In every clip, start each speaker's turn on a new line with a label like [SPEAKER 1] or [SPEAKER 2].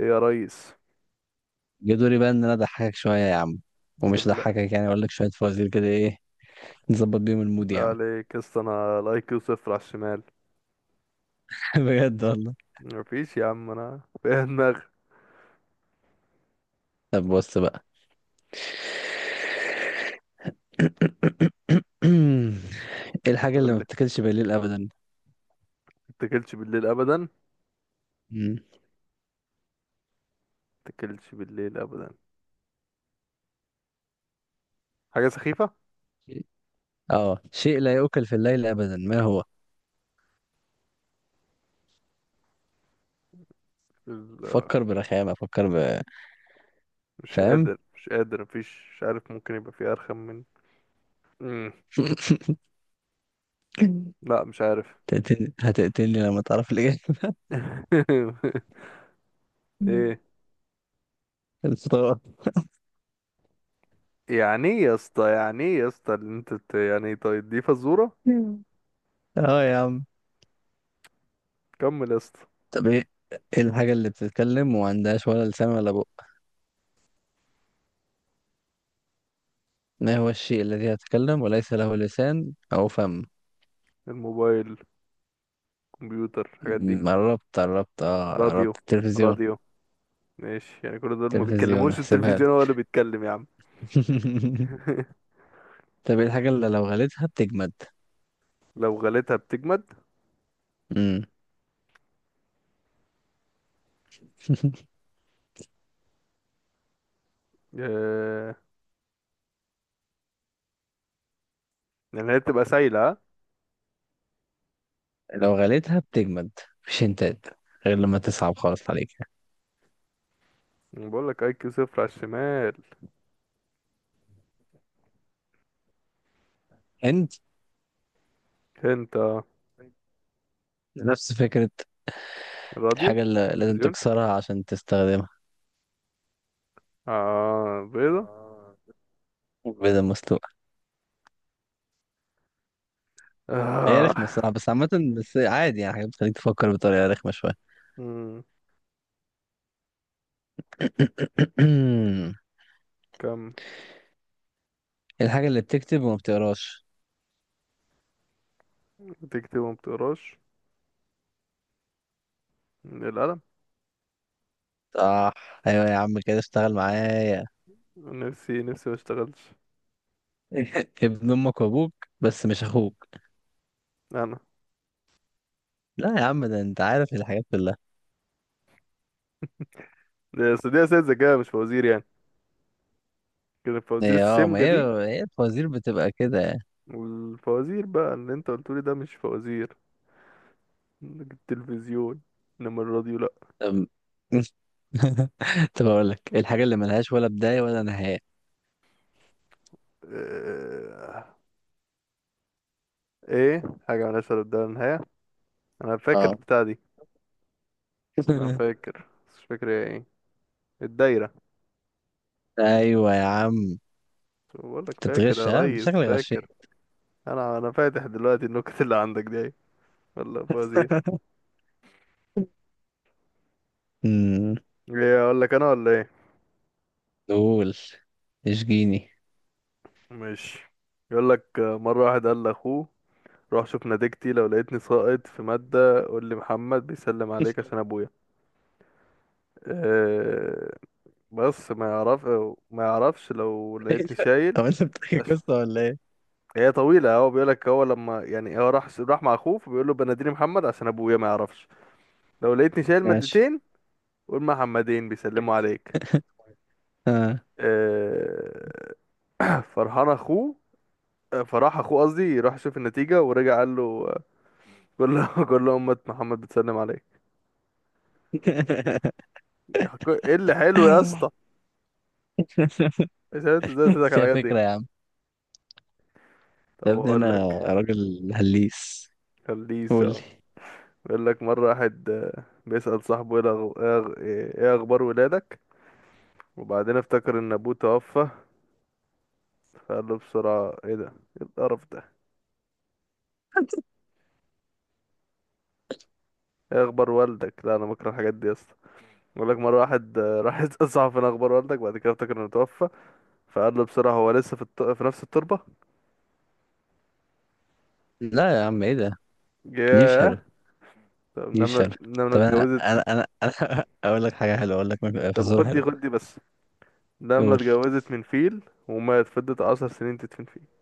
[SPEAKER 1] ايه يا ريس.
[SPEAKER 2] جه دوري بقى ان انا اضحكك شويه يا عم. ومش
[SPEAKER 1] بالله
[SPEAKER 2] اضحكك، يعني اقول لك شويه فوازير كده، ايه؟ نظبط بيهم المود
[SPEAKER 1] بالله
[SPEAKER 2] يا عم.
[SPEAKER 1] عليك يا اسطى، انا الاي كيو صفر على الشمال.
[SPEAKER 2] بجد والله.
[SPEAKER 1] مفيش يا عم، انا فيها دماغ.
[SPEAKER 2] طب بص بقى. ايه الحاجه اللي
[SPEAKER 1] يقول
[SPEAKER 2] ما
[SPEAKER 1] لي
[SPEAKER 2] بتاكلش بالليل ابدا؟
[SPEAKER 1] متاكلش بالليل ابدا،
[SPEAKER 2] مم.
[SPEAKER 1] متاكلش بالليل ابدا، حاجه سخيفه.
[SPEAKER 2] اه، شيء لا يؤكل في الليل ابدا، ما هو؟
[SPEAKER 1] ال-
[SPEAKER 2] فكر برخامه،
[SPEAKER 1] مش
[SPEAKER 2] فاهم؟
[SPEAKER 1] قادر مش قادر مفيش مش عارف ممكن يبقى في ارخم من مم. لا مش عارف.
[SPEAKER 2] هتقتلني هتقتلني لما تعرف الاجابه.
[SPEAKER 1] ايه؟
[SPEAKER 2] الفطار.
[SPEAKER 1] يعني ايه يا اسطى يعني ايه يا اسطى اللي انت بت- يعني إيه؟ طيب دي فزوره،
[SPEAKER 2] اه يا عم.
[SPEAKER 1] كمل يا اسطى.
[SPEAKER 2] طب ايه الحاجه اللي بتتكلم وما عندهاش ولا لسان ولا بق؟ ما هو الشيء الذي يتكلم وليس له لسان أو فم؟
[SPEAKER 1] الموبايل، كمبيوتر، الحاجات دي.
[SPEAKER 2] قربت قربت، اه
[SPEAKER 1] راديو،
[SPEAKER 2] قربت، التلفزيون.
[SPEAKER 1] راديو. ماشي، يعني كل دول ما
[SPEAKER 2] تلفزيون،
[SPEAKER 1] بيتكلموش،
[SPEAKER 2] احسبها لك.
[SPEAKER 1] التلفزيون هو اللي بيتكلم يا عم.
[SPEAKER 2] طب ايه الحاجة اللي لو غليتها بتجمد؟
[SPEAKER 1] لو غليتها بتجمد؟
[SPEAKER 2] مم.
[SPEAKER 1] آه... يعني هي بتبقى سايلة ها؟
[SPEAKER 2] لو غليتها بتجمد، مفيش هنتات، غير لما تصعب خالص عليك.
[SPEAKER 1] بقول لك اي كيو صفر على الشمال.
[SPEAKER 2] هند.
[SPEAKER 1] انت.
[SPEAKER 2] نفس فكرة.
[SPEAKER 1] الراديو.
[SPEAKER 2] الحاجة اللي لازم
[SPEAKER 1] التلفزيون.
[SPEAKER 2] تكسرها عشان تستخدمها.
[SPEAKER 1] اه، بيضة.
[SPEAKER 2] آه، بيضة مسلوقة. هي رخمة
[SPEAKER 1] آه.
[SPEAKER 2] الصراحة، بس عامة، بس عادي، يعني حاجة بتخليك تفكر بطريقة رخمة شوية.
[SPEAKER 1] مم. كم؟
[SPEAKER 2] الحاجة اللي بتكتب وما بتقراش؟
[SPEAKER 1] بتكتب وما بتقراش؟ القلم.
[SPEAKER 2] صح. ايوه يا عم، كده اشتغل معايا.
[SPEAKER 1] نفسي ما اشتغلش.
[SPEAKER 2] ابن امك وابوك، بس مش اخوك.
[SPEAKER 1] انا؟
[SPEAKER 2] لا يا عم، ده انت عارف الحاجات كلها.
[SPEAKER 1] دي أصل دي اساس ذكاء، مش فوازير يعني، كده الفوازير
[SPEAKER 2] هي ما
[SPEAKER 1] السمجة
[SPEAKER 2] هي،
[SPEAKER 1] دي.
[SPEAKER 2] هي الفوازير بتبقى كده يعني.
[SPEAKER 1] والفوازير بقى اللي انت قلتولي ده مش فوازير، التلفزيون، انما الراديو لا.
[SPEAKER 2] طب. طب اقول لك الحاجه اللي ملهاش ولا بدايه ولا نهايه.
[SPEAKER 1] آه، ايه؟ حاجة من أسفل الدايرة للنهاية، أنا فاكر
[SPEAKER 2] اه.
[SPEAKER 1] البتاع دي. أنا فاكر بس مش فاكر هي ايه. الدايرة.
[SPEAKER 2] ايوه يا عم.
[SPEAKER 1] بقول لك
[SPEAKER 2] انت
[SPEAKER 1] فاكر
[SPEAKER 2] بتغش؟
[SPEAKER 1] يا
[SPEAKER 2] ها،
[SPEAKER 1] ريس،
[SPEAKER 2] شكلك
[SPEAKER 1] فاكر.
[SPEAKER 2] غشيت.
[SPEAKER 1] أنا فاتح دلوقتي النكت اللي عندك دي أهي. والله فوزي.
[SPEAKER 2] امم
[SPEAKER 1] ايه، أقول لك أنا ولا ايه؟
[SPEAKER 2] قول، اشجيني.
[SPEAKER 1] ماشي. يقول لك مرة واحد قال لأخوه روح شوف نتيجتي، لو لقيتني ساقط في مادة قول لي محمد بيسلم عليك، عشان أبويا. أه، بس ما يعرف، ما يعرفش لو لقيتني شايل.
[SPEAKER 2] طب انت بتحكي قصه ولا ايه؟
[SPEAKER 1] هي طويلة، هو بيقول لك هو لما يعني هو راح مع اخوه فبيقول له بناديني محمد عشان ابويا ما يعرفش، لو لقيتني شايل
[SPEAKER 2] ماشي.
[SPEAKER 1] مادتين قول محمدين بيسلموا عليك.
[SPEAKER 2] اه.
[SPEAKER 1] آه، فرحان اخوه، فراح اخوه، قصدي راح شوف النتيجة ورجع قال له، آه، قول له قول له امة محمد بتسلم عليك. ايه اللي حلو يا اسطى؟ مش عارف إنت ازاي تضحك على
[SPEAKER 2] فيها
[SPEAKER 1] الحاجات دي.
[SPEAKER 2] فكرة يا عم. يا
[SPEAKER 1] طب
[SPEAKER 2] ابني،
[SPEAKER 1] اقول
[SPEAKER 2] انا
[SPEAKER 1] لك.
[SPEAKER 2] راجل هليس. قول لي.
[SPEAKER 1] خليسه. بيقول لك مرة واحد بيسأل صاحبه ايه إيه اخبار ولادك، وبعدين افتكر ان ابوه توفى، فقال له بسرعة ايه ده، ايه القرف ده، ايه اخبار والدك. لا انا بكره الحاجات دي يا اسطى. بقول لك مرة واحد راح يسأل صاحبه فين اخبار والدك، بعد كده افتكر انه توفى، فقال له بسرعة هو لسه في نفس التربة.
[SPEAKER 2] لا يا عم، ايه ده؟ دي مش
[SPEAKER 1] ياه.
[SPEAKER 2] حلوة.
[SPEAKER 1] طب
[SPEAKER 2] دي مش
[SPEAKER 1] نملة
[SPEAKER 2] حلوة.
[SPEAKER 1] نملة
[SPEAKER 2] طب انا
[SPEAKER 1] اتجوزت.
[SPEAKER 2] انا انا, أنا اقول لك حاجة حلوة، اقول لك.
[SPEAKER 1] طب
[SPEAKER 2] فزورة
[SPEAKER 1] خد دي
[SPEAKER 2] حلوة.
[SPEAKER 1] خد دي بس. نملة
[SPEAKER 2] قول.
[SPEAKER 1] اتجوزت من فيل ومات، فضلت 10 سنين تدفن فيه.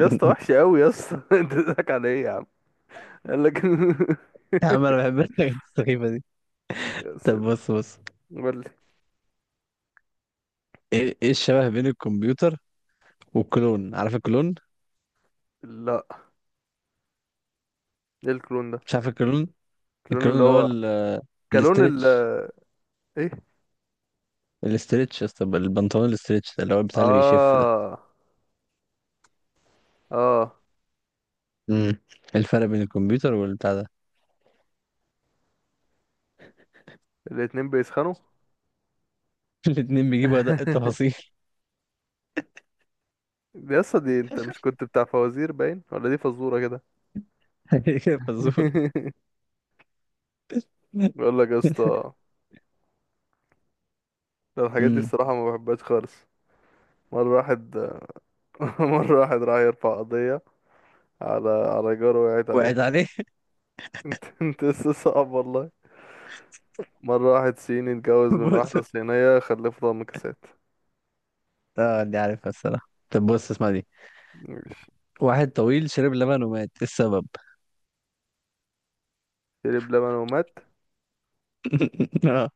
[SPEAKER 1] يا اسطى وحش قوي يا اسطى. انت بتضحك على ايه يا عم؟ قال لك.
[SPEAKER 2] يا عم، انا بحب الحاجات السخيفة دي.
[SPEAKER 1] يا
[SPEAKER 2] طب
[SPEAKER 1] سيد.
[SPEAKER 2] بص بص.
[SPEAKER 1] قول لي.
[SPEAKER 2] ايه الشبه بين الكمبيوتر والكلون؟ عارف الكلون؟
[SPEAKER 1] لا، ايه الكلون ده؟
[SPEAKER 2] مش عارف الكلون؟
[SPEAKER 1] الكلون
[SPEAKER 2] الكلون
[SPEAKER 1] اللي
[SPEAKER 2] اللي هو
[SPEAKER 1] هو كلون ال.
[SPEAKER 2] الاسترتش
[SPEAKER 1] ايه.
[SPEAKER 2] الاسترتش يا اسطى، البنطلون الاسترتش ده، اللي هو بتاع اللي بيشف ده.
[SPEAKER 1] اه. اه.
[SPEAKER 2] امم الفرق بين الكمبيوتر والبتاع ده.
[SPEAKER 1] الاتنين بيسخنوا.
[SPEAKER 2] الاتنين بيجيبوا أدق التفاصيل.
[SPEAKER 1] دي يا اسطى، دي انت مش كنت بتاع فوازير باين، ولا دي فزورة كده؟
[SPEAKER 2] فزور.
[SPEAKER 1] بقول لك يا اسطى، ده الحاجات دي
[SPEAKER 2] امم
[SPEAKER 1] الصراحة ما بحبهاش خالص. مرة واحد. مرة واحد راح يرفع قضية على جاره، وقعت عليه.
[SPEAKER 2] وقعت عليه.
[SPEAKER 1] انت لسه صعب والله. مرة واحد صيني اتجوز من
[SPEAKER 2] بص.
[SPEAKER 1] واحدة صينية خلف له مكاسات.
[SPEAKER 2] اه، دي عارفها الصراحة. طب بص، اسمع دي.
[SPEAKER 1] ماشي.
[SPEAKER 2] واحد طويل شرب لبن ومات، إيه السبب؟
[SPEAKER 1] شرب لبن ومات.
[SPEAKER 2] اه.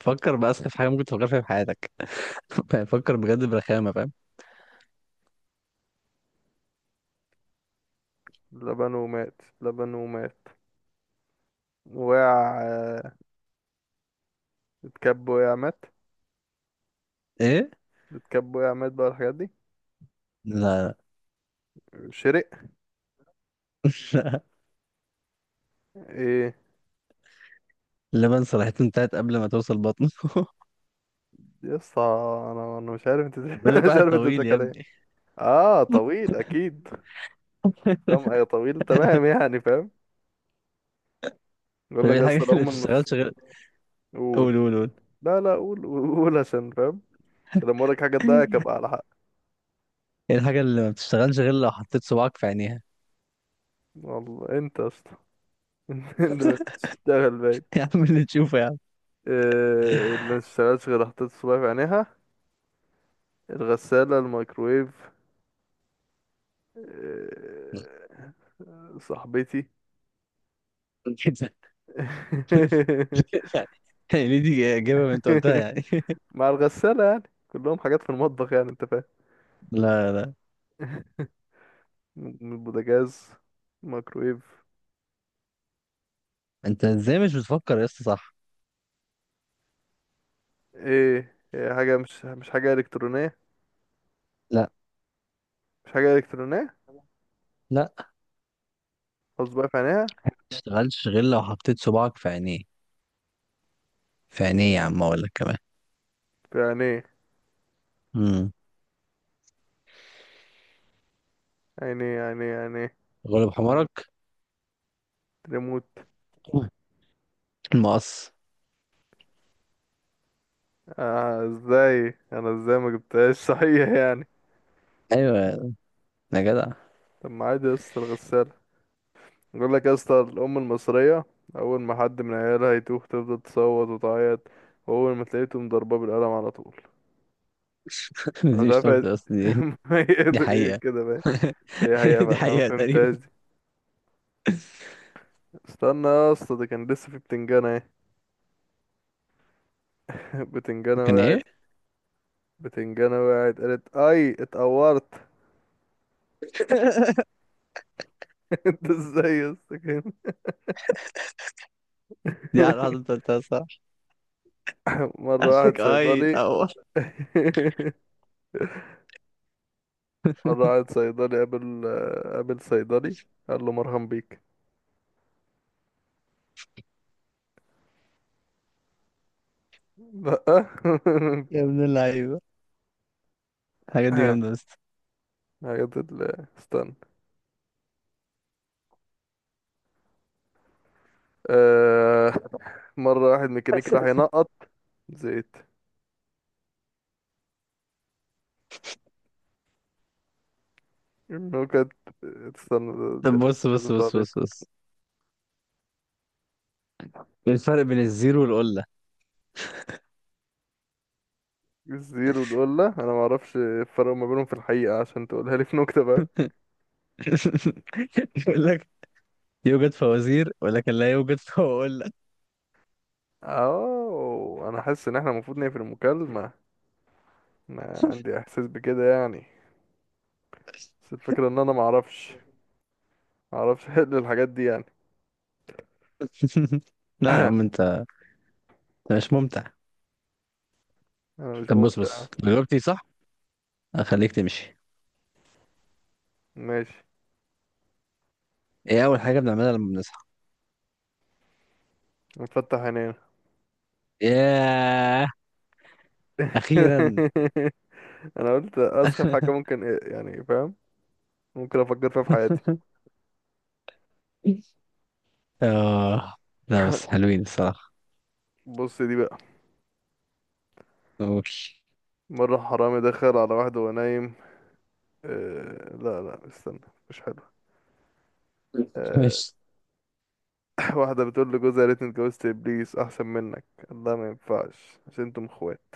[SPEAKER 2] فكر بأسخف حاجة ممكن تفكر فيها في حياتك. فكر بجد، برخامة، فاهم؟
[SPEAKER 1] لبن ومات. لبن ومات، وقع، اتكب، وقع، مات،
[SPEAKER 2] ايه،
[SPEAKER 1] اتكب، وقع، مات بقى الحاجات دي.
[SPEAKER 2] لا.
[SPEAKER 1] شرق.
[SPEAKER 2] لا،
[SPEAKER 1] ايه
[SPEAKER 2] اللبن صراحة انتهت قبل ما توصل بطنه.
[SPEAKER 1] يا اسطى؟ انا مش عارف انت
[SPEAKER 2] بيقول لك
[SPEAKER 1] مش
[SPEAKER 2] واحد
[SPEAKER 1] عارف انت
[SPEAKER 2] طويل يا
[SPEAKER 1] بتتكلم ايه.
[SPEAKER 2] ابني.
[SPEAKER 1] اه، طويل اكيد. تمام، ايه طويل، تمام يعني فاهم. يقول
[SPEAKER 2] طب ايه
[SPEAKER 1] لك
[SPEAKER 2] الحاجة
[SPEAKER 1] اصل
[SPEAKER 2] اللي ما
[SPEAKER 1] هم النص.
[SPEAKER 2] بتشتغلش غير؟ قول
[SPEAKER 1] قول.
[SPEAKER 2] قول قول.
[SPEAKER 1] لا لا قول قول قول عشان فاهم، عشان لما اقول لك حاجه تضايقك ابقى على حق.
[SPEAKER 2] ايه الحاجة اللي ما بتشتغلش غير لو حطيت صباعك في عينيها؟
[SPEAKER 1] والله انت يا اسطى انت بتشتغل باين.
[SPEAKER 2] يا عم، اللي تشوفه يا عم.
[SPEAKER 1] إيه اللي ما اشتغلش غير حطيت الصباع في عينيها؟ الغساله، الميكرويف. إيه صاحبتي؟
[SPEAKER 2] يعني دي إجابة أنت قلتها يعني.
[SPEAKER 1] مع الغسالة يعني، كلهم حاجات في المطبخ يعني انت فاهم.
[SPEAKER 2] لا لا.
[SPEAKER 1] من البوتاجاز، ميكرويف.
[SPEAKER 2] أنت إزاي مش بتفكر يا اسطى، صح؟
[SPEAKER 1] ايه، هي حاجة مش حاجة إلكترونية؟
[SPEAKER 2] لا
[SPEAKER 1] مش حاجة إلكترونية؟
[SPEAKER 2] لا،
[SPEAKER 1] خلاص، بقى في عينيها،
[SPEAKER 2] ما تشتغلش غير لو حطيت صباعك في عينيه. في عينيه يا عم، أقول لك كمان.
[SPEAKER 1] في عينيه
[SPEAKER 2] امم
[SPEAKER 1] عينيه عينيه عينيه.
[SPEAKER 2] غلب حمارك.
[SPEAKER 1] ريموت.
[SPEAKER 2] المقص.
[SPEAKER 1] آه، ازاي انا، ازاي ما جبتهاش؟ صحيح يعني.
[SPEAKER 2] أيوة يا جدع.
[SPEAKER 1] طب ما عادي يا اسطى الغسالة. بقول لك يا اسطى، الأم المصرية أول ما حد من عيالها يتوه تفضل تصوت وتعيط، وأول ما تلاقيته مضرباه بالقلم على طول. أنا مش
[SPEAKER 2] دي مش
[SPEAKER 1] عارف
[SPEAKER 2] نكتة أصلا، دي. دي
[SPEAKER 1] هي
[SPEAKER 2] حقيقة.
[SPEAKER 1] كده. هي هي فعلا
[SPEAKER 2] دي
[SPEAKER 1] انا ما
[SPEAKER 2] حقيقة تقريبا.
[SPEAKER 1] فهمتهاش دي. استنى يا اسطى، ده كان لسه في بتنجانة اهي. بتنجانة
[SPEAKER 2] كان
[SPEAKER 1] وقعت،
[SPEAKER 2] إيه؟
[SPEAKER 1] بتنجانة وقعت قالت اي اتقورت. انت ازاي يا اسطى كده؟
[SPEAKER 2] دي على واحدة أنت قلتها، صح؟
[SPEAKER 1] مرة واحد
[SPEAKER 2] عشانك أي
[SPEAKER 1] صيدلي.
[SPEAKER 2] تعور.
[SPEAKER 1] مرة واحد صيدلي قابل، قابل صيدلي، قال له مرهم بيك. لأ.
[SPEAKER 2] يا ابن اللعيبة، الحاجات دي جامدة بس.
[SPEAKER 1] استنى. آه، مرة واحد ميكانيكي راح ينقط زيت. النكت. استنى، ده
[SPEAKER 2] طب
[SPEAKER 1] ناس
[SPEAKER 2] بص بص
[SPEAKER 1] كده.
[SPEAKER 2] بص بص بص. إيه الفرق بين الزيرو والقلة؟
[SPEAKER 1] الزير والولا انا ما اعرفش الفرق ما بينهم في الحقيقة، عشان تقولها لي في نكتة بقى.
[SPEAKER 2] يقول لك يوجد فوازير ولكن لا يوجد فوازير.
[SPEAKER 1] اه، انا حاسس ان احنا المفروض نقفل المكالمة. انا عندي احساس بكده يعني، بس الفكرة ان انا ما اعرفش، ما اعرفش احل الحاجات دي يعني.
[SPEAKER 2] لا يا عم، انت مش ممتع.
[SPEAKER 1] انا مش
[SPEAKER 2] طب بص
[SPEAKER 1] ممتع.
[SPEAKER 2] بص، لو جاوبتي صح هخليك تمشي.
[SPEAKER 1] ماشي.
[SPEAKER 2] ايه اول حاجه بنعملها لما بنصحى؟
[SPEAKER 1] نفتح عينينا.
[SPEAKER 2] ياه، اخيرا.
[SPEAKER 1] انا قلت اسخف حاجة ممكن إيه يعني فاهم، ممكن افكر فيها في حياتي.
[SPEAKER 2] اه لا، بس حلوين الصراحه.
[SPEAKER 1] بص دي بقى.
[SPEAKER 2] اوكي.
[SPEAKER 1] مرة حرامي دخل على واحد وهو نايم. أه لا لا استنى، مش حلو. آه،
[SPEAKER 2] ماشي
[SPEAKER 1] واحدة بتقول لجوزها يا ريتني اتجوزت ابليس احسن منك، الله ما ينفعش عشان انتم اخوات.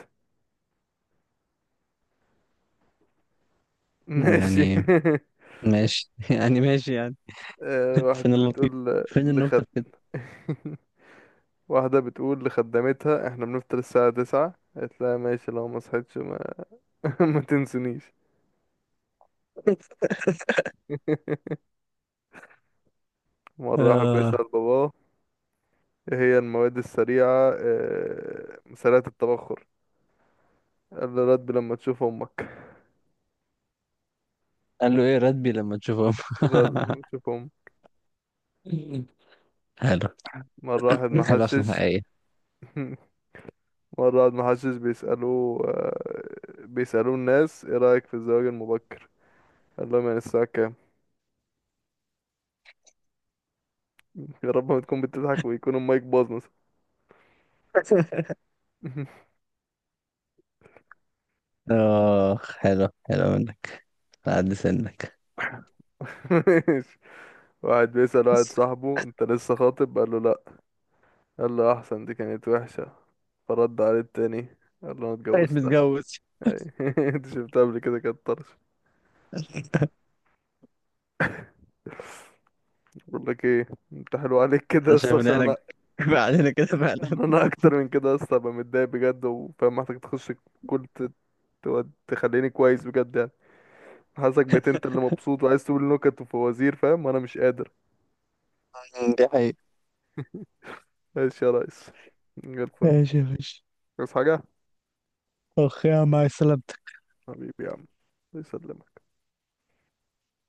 [SPEAKER 1] ماشي.
[SPEAKER 2] يعني ماشي. يعني ماشي يعني.
[SPEAKER 1] آه،
[SPEAKER 2] فين
[SPEAKER 1] واحدة
[SPEAKER 2] اللطيف،
[SPEAKER 1] بتقول
[SPEAKER 2] فين
[SPEAKER 1] ل-
[SPEAKER 2] النكته
[SPEAKER 1] لخد.
[SPEAKER 2] في كده؟
[SPEAKER 1] واحدة بتقول لخدمتها احنا بنفطر الساعة 9، قالت لها ماشي لو ما صحيتش ما, ما تنسونيش. مرة واحد بيسأل
[SPEAKER 2] آه.
[SPEAKER 1] باباه ايه هي المواد السريعة، سريعة التبخر، قال له رد لما تشوف امك.
[SPEAKER 2] قال له ايه راتبي لما تشوفه.
[SPEAKER 1] رد لما تشوف امك.
[SPEAKER 2] حلو.
[SPEAKER 1] مرة واحد
[SPEAKER 2] حلو عشان
[SPEAKER 1] محشش.
[SPEAKER 2] حقيقي.
[SPEAKER 1] مرة قعد محشش بيسألوه بيسألوه الناس ايه رأيك في الزواج المبكر، قال لهم يعني الساعة كام. يا رب ما تكون بتضحك ويكون المايك باظ مثلا.
[SPEAKER 2] اه، حلو حلو منك على قد سنك.
[SPEAKER 1] ماشي. واحد بيسأل واحد صاحبه انت لسه خاطب، قال له لا، قال له احسن دي كانت وحشة، فرد عليه التاني قال له انا
[SPEAKER 2] بقيت
[SPEAKER 1] اتجوزتها
[SPEAKER 2] متجوز.
[SPEAKER 1] يعني. انت شفتها قبل كده، كانت طرش. بقول لك ايه، انت حلو عليك كده
[SPEAKER 2] انا شايف
[SPEAKER 1] اصلا
[SPEAKER 2] ان
[SPEAKER 1] عشان
[SPEAKER 2] احنا
[SPEAKER 1] انا،
[SPEAKER 2] كفاية علينا كده فعلا.
[SPEAKER 1] ان انا اكتر من كده اصلا ابقى متضايق بجد وفاهم، محتاج تخش كل ت- تخليني كويس بجد يعني. حاسسك بقيت انت اللي مبسوط وعايز تقول نكت وفوازير فاهم، وانا مش قادر.
[SPEAKER 2] دي حقيقة.
[SPEAKER 1] ماشي يا ريس، من غير الفل،
[SPEAKER 2] ماشي يا باشا.
[SPEAKER 1] بس حاجة.
[SPEAKER 2] اخ يا عم، مع السلامة.
[SPEAKER 1] حبيبي يا عم، يسلم.